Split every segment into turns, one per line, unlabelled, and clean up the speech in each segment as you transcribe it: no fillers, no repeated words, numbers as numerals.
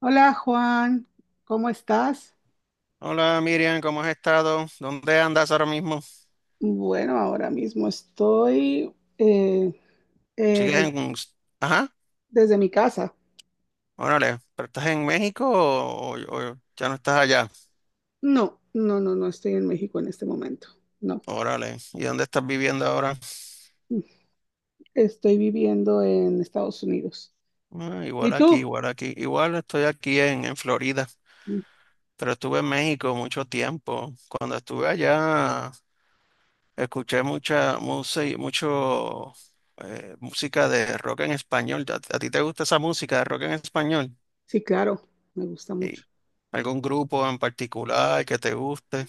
Hola Juan, ¿cómo estás?
Hola Miriam, ¿cómo has estado? ¿Dónde andas ahora mismo?
Bueno, ahora mismo estoy eh,
¿Sigues
des-
en... Ajá,
desde mi casa.
órale, ¿pero estás en México o ya no estás allá?
No, no, no, no estoy en México en este momento. No,
Órale, ¿y dónde estás viviendo ahora?
estoy viviendo en Estados Unidos.
Ah, igual
¿Y
aquí,
tú?
igual aquí, igual estoy aquí en Florida, pero estuve en México mucho tiempo. Cuando estuve allá, escuché mucha música, mucho música de rock en español. ¿A ti te gusta esa música de rock en español?
Sí, claro, me gusta mucho.
¿Y algún grupo en particular que te guste?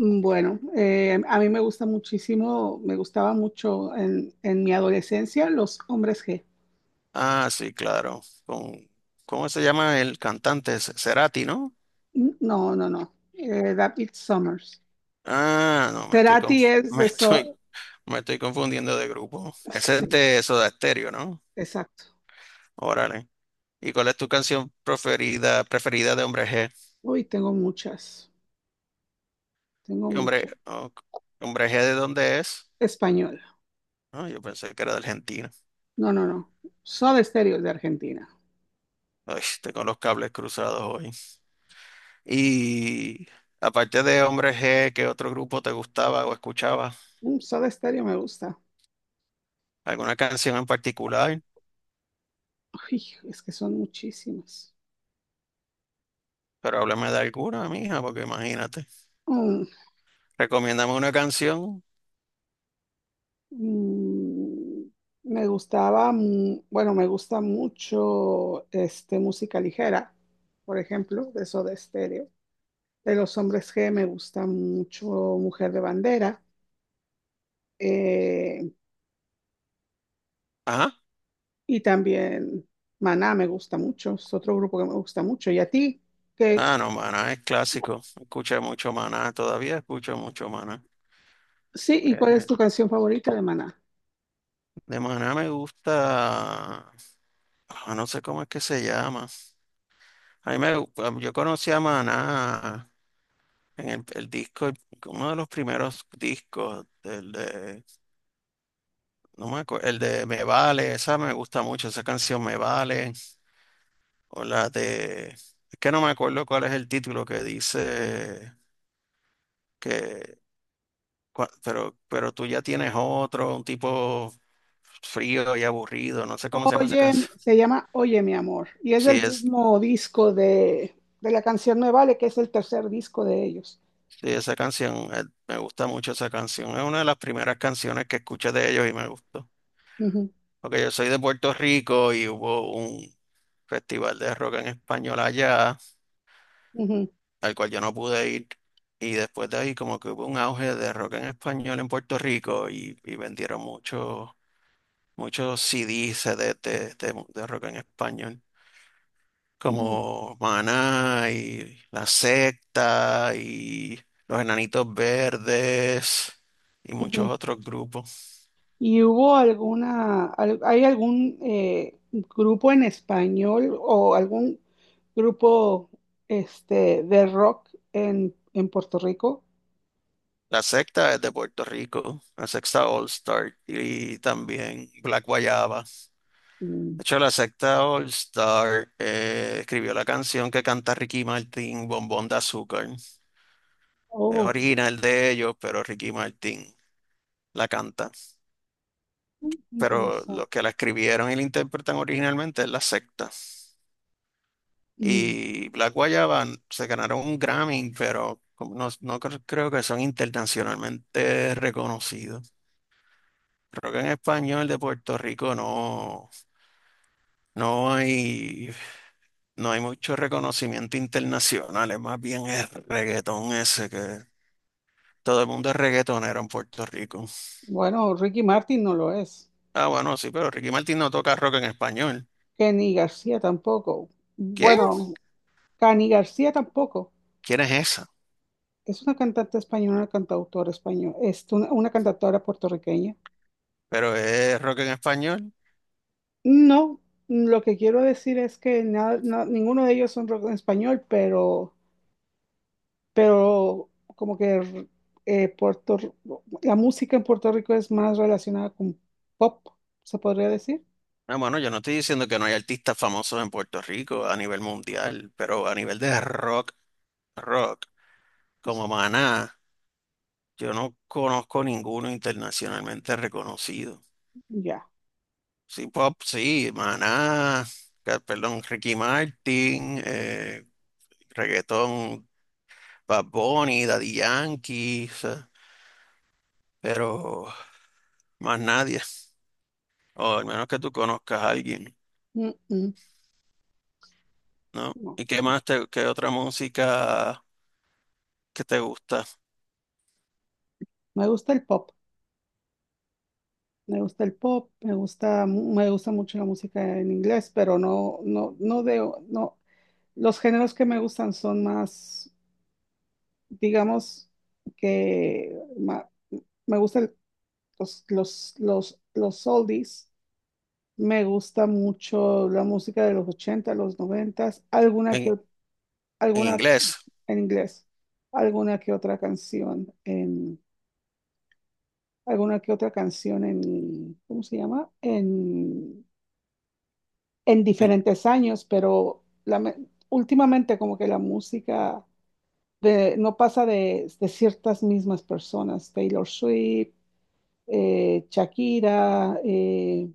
Bueno, a mí me gusta muchísimo, me gustaba mucho en mi adolescencia los Hombres G.
Ah, sí, claro. Con, ¿cómo se llama el cantante? Cerati, ¿no?
No, no, no. David Summers.
Ah, no,
Cerati es de eso.
me estoy confundiendo de grupo. Ese es
Sí,
de Soda Stereo, ¿no?
exacto.
Órale. ¿Y cuál es tu canción preferida de Hombre G?
Uy, tengo muchas, tengo
Y Hombre,
mucho.
oh, ¿Hombre G de dónde es?
Español.
Ah, yo pensé que era de Argentina.
No, no, no. Soda Stereo es de Argentina.
Ay, tengo los cables cruzados hoy. Y aparte de Hombre G, ¿qué otro grupo te gustaba o escuchabas?
Mm, Soda Stereo me gusta.
¿Alguna canción en particular?
Uy, es que son muchísimas.
Pero háblame de alguna, mija, porque imagínate.
Mm,
Recomiéndame una canción.
mm, bueno, me gusta mucho este, música ligera, por ejemplo, de Soda Stereo. De los Hombres G me gusta mucho Mujer de Bandera. eh,
Ajá.
y también Maná me gusta mucho. Es otro grupo que me gusta mucho. ¿Y a ti? ¿Qué,
Ah, no, Maná es clásico. Escuché mucho Maná, todavía escucho mucho Maná.
sí, y cuál es
Eh,
tu canción favorita de Maná?
de Maná me gusta, ah, no sé cómo es que se llama. A mí me, gu- ah, yo conocí a Maná en el disco, uno de los primeros discos, el de, no me acuerdo, el de Me Vale, esa me gusta mucho, esa canción Me Vale, o la de... Es que no me acuerdo cuál es el título que dice. Que, pero tú ya tienes otro, un tipo frío y aburrido, no sé cómo se llama esa canción.
Se llama Oye, mi amor, y es
Sí,
del
es,
mismo disco de la canción Me Vale, que es el tercer disco de ellos.
sí, esa canción, me gusta mucho esa canción. Es una de las primeras canciones que escuché de ellos y me gustó.
Ujú,
Porque yo soy de Puerto Rico y hubo un festival de rock en español allá,
ujú,
al cual yo no pude ir. Y después de ahí como que hubo un auge de rock en español en Puerto Rico y vendieron muchos CDs, CDs de rock en español.
ujú,
Como Maná y La Secta y Los Enanitos Verdes y muchos
ujú.
otros grupos.
¿Y hubo alguna, al- hay algún grupo en español o algún grupo este, de rock en Puerto Rico?
La Secta es de Puerto Rico, La Secta All Star y también Black Guayaba.
Mm,
De hecho, La Secta All Star escribió la canción que canta Ricky Martin, Bombón de Azúcar. Es
oh,
original de ellos, pero Ricky Martin la canta. Pero los
interesante.
que la escribieron y la interpretan originalmente es La Secta.
Mm,
Y Black Guayaba se ganaron un Grammy, pero como no, creo que son internacionalmente reconocidos. Creo que en español de Puerto Rico no, no hay, no hay mucho reconocimiento internacional, es más bien el reggaetón ese que todo el mundo es reggaetonero en Puerto Rico.
bueno, Ricky Martin no lo es.
Ah, bueno, sí, pero Ricky Martin no toca rock en español.
Kenny García tampoco.
¿Quién?
Bueno, Cani García tampoco.
¿Quién es esa?
Es una cantante española, una cantautora española, es una cantautora puertorriqueña.
Pero es rock en español.
No, lo que quiero decir es que ninguno de ellos son rock en español, pero como que eh, Puerto R- la música en Puerto Rico es más relacionada con pop, se podría decir.
Ah, bueno, yo no estoy diciendo que no hay artistas famosos en Puerto Rico a nivel mundial, pero a nivel de rock, rock, como
S-
Maná, yo no conozco ninguno internacionalmente reconocido.
ya,
Sí, pop, sí, Maná, perdón, Ricky Martin, reggaetón, Bad Bunny, Daddy Yankee, o sea, pero más nadie, o al menos que tú conozcas a alguien,
mm, mm,
¿no?
no.
¿Y qué más te, qué otra música que te gusta
Me gusta el pop, me gusta el pop, me gusta mucho la música en inglés, pero no de, no, los géneros que me gustan son más, digamos, que ma- me gusta los oldies. Me gusta mucho la música de los 80 los 90,
en, en
alguna
inglés?
en inglés, alguna que otra canción en, alguna que otra canción en, ¿cómo se llama? En diferentes años, pero últimamente como que no pasa de ciertas mismas personas, Taylor Swift, Shakira, eh,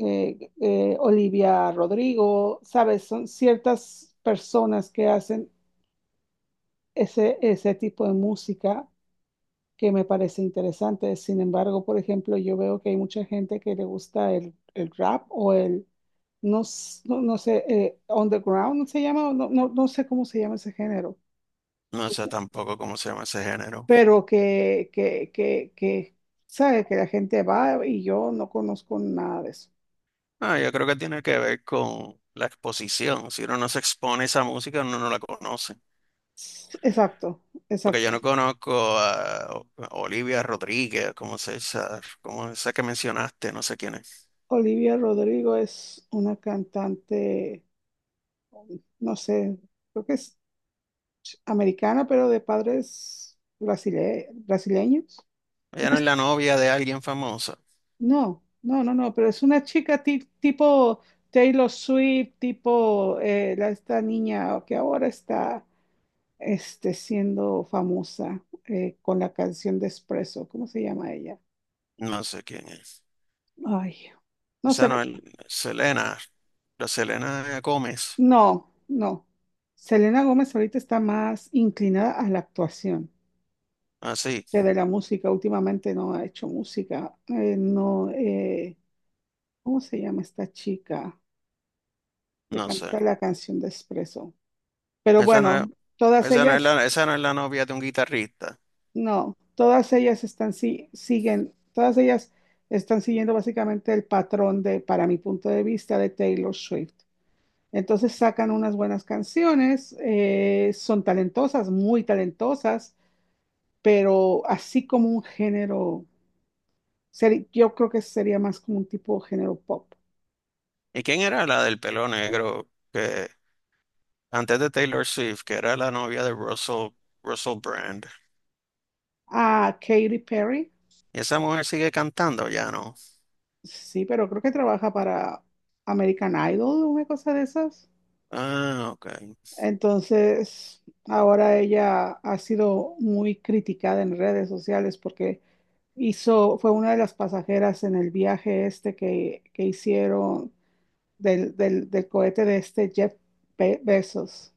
eh, eh, Olivia Rodrigo, ¿sabes? Son ciertas personas que hacen ese tipo de música que me parece interesante. Sin embargo, por ejemplo, yo veo que hay mucha gente que le gusta el rap o el, no sé, underground, ¿no se llama, no sé cómo se llama ese género,
No sé tampoco cómo se llama ese género.
pero que, ¿sabe? Que la gente va y yo no conozco nada de eso.
Ah, yo creo que tiene que ver con la exposición. Si uno no se expone a esa música, uno no la conoce.
S- exacto,
Porque yo
exacto.
no conozco a Olivia Rodríguez, como se esa, como esa que mencionaste, no sé quién es.
Olivia Rodrigo es una cantante, no sé, creo que es americana, pero de padres brasileños. No,
Ella no es
es-
la novia de alguien famoso.
no, pero es una chica tipo Taylor Swift, tipo esta niña que ahora está este, siendo famosa con la canción de Espresso. ¿Cómo se llama ella?
No sé quién es.
Ay, no sé,
Esa no es Selena, la Selena Gómez.
no, no. Selena Gómez ahorita está más inclinada a la actuación.
Así,
Que de la música, últimamente no ha hecho música. No, ¿Cómo se llama esta chica que
no sé.
canta la canción de Espresso? Pero
Esa no
bueno,
es,
todas
esa no es
ellas,
la, esa no es la novia de un guitarrista.
no, todas ellas están, si- siguen, todas ellas están siguiendo básicamente el patrón de, para mi punto de vista, de Taylor Swift. Entonces sacan unas buenas canciones, son talentosas, muy talentosas, pero así como un género, yo creo que sería más como un tipo de género pop.
¿Y quién era la del pelo negro? Que antes de Taylor Swift, que era la novia de Russell, Russell Brand.
A Katy Perry.
Y esa mujer sigue cantando, ya no.
Sí, pero creo que trabaja para American Idol, una cosa de esas.
Ah, ok.
Entonces, ahora ella ha sido muy criticada en redes sociales porque hizo, fue una de las pasajeras en el viaje este que hicieron del cohete de este Jeff Bezos.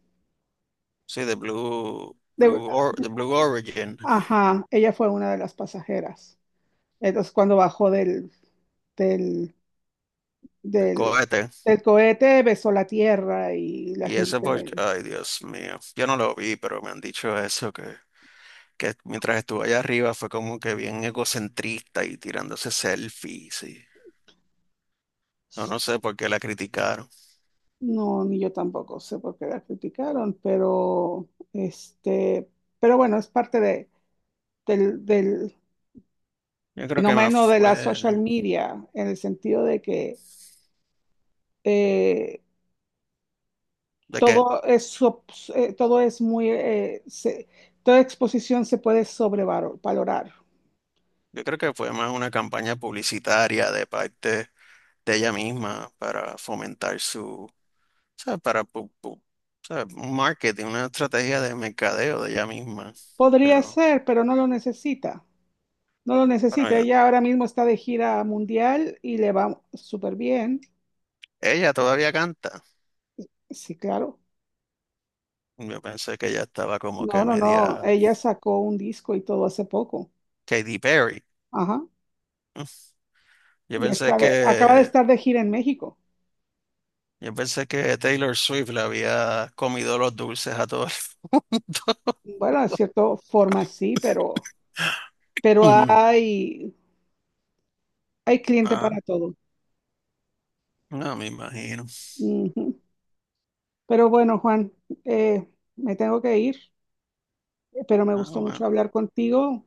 Sí, de Blue,
De-
De Blue Origin,
ajá, ella fue una de las pasajeras. Entonces, cuando bajó del
del
del,
cohete.
del cohete besó la tierra y la
Y ese porque,
gente,
ay, Dios mío. Yo no lo vi, pero me han dicho eso, que mientras estuve allá arriba fue como que bien egocentrista y tirándose selfies. Y- no, no sé por qué la criticaron.
no, ni yo tampoco sé por qué la criticaron, pero este, pero bueno, es parte de, del
Yo creo que más
fenómeno de la
fue,
social media, en el sentido de que eh,
¿de qué?
todo es, sop- todo es muy, toda exposición se puede sobrevalorar.
Yo creo que fue más una campaña publicitaria de parte de ella misma para fomentar su, ¿sabes? ¿Sabes? Un marketing, una estrategia de mercadeo de ella misma.
Podría
Pero
ser, pero no lo necesita. No lo
bueno,
necesita,
yo-
ella ahora mismo está de gira mundial y le va súper bien.
ella todavía canta.
Sí, claro.
Yo pensé que ella estaba como
No,
que
no, no,
media
ella sacó un disco y todo hace poco.
Katy Perry.
Ajá.
Yo
Y
pensé
acaba de
que
estar de gira en México.
yo pensé que Taylor Swift le había comido los dulces a todo el mundo.
Bueno, de cierta forma sí, pero, pero hay, hay cliente
Ah,
para todo.
no me imagino.
Ujú. Pero bueno, Juan, eh, me tengo que ir, pero me
Ah,
gustó mucho
bueno.
hablar contigo.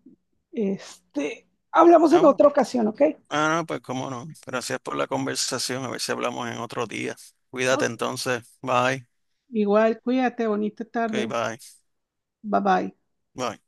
Este, hablamos en
Ah,
otra ocasión, ¿ok?
Ah, no, pues cómo no. Gracias por la conversación. A ver si hablamos en otro día. Cuídate
Ok.
entonces. Bye.
Igual, cuídate, bonita
Ok,
tarde.
bye.
Bye bye.
Bye.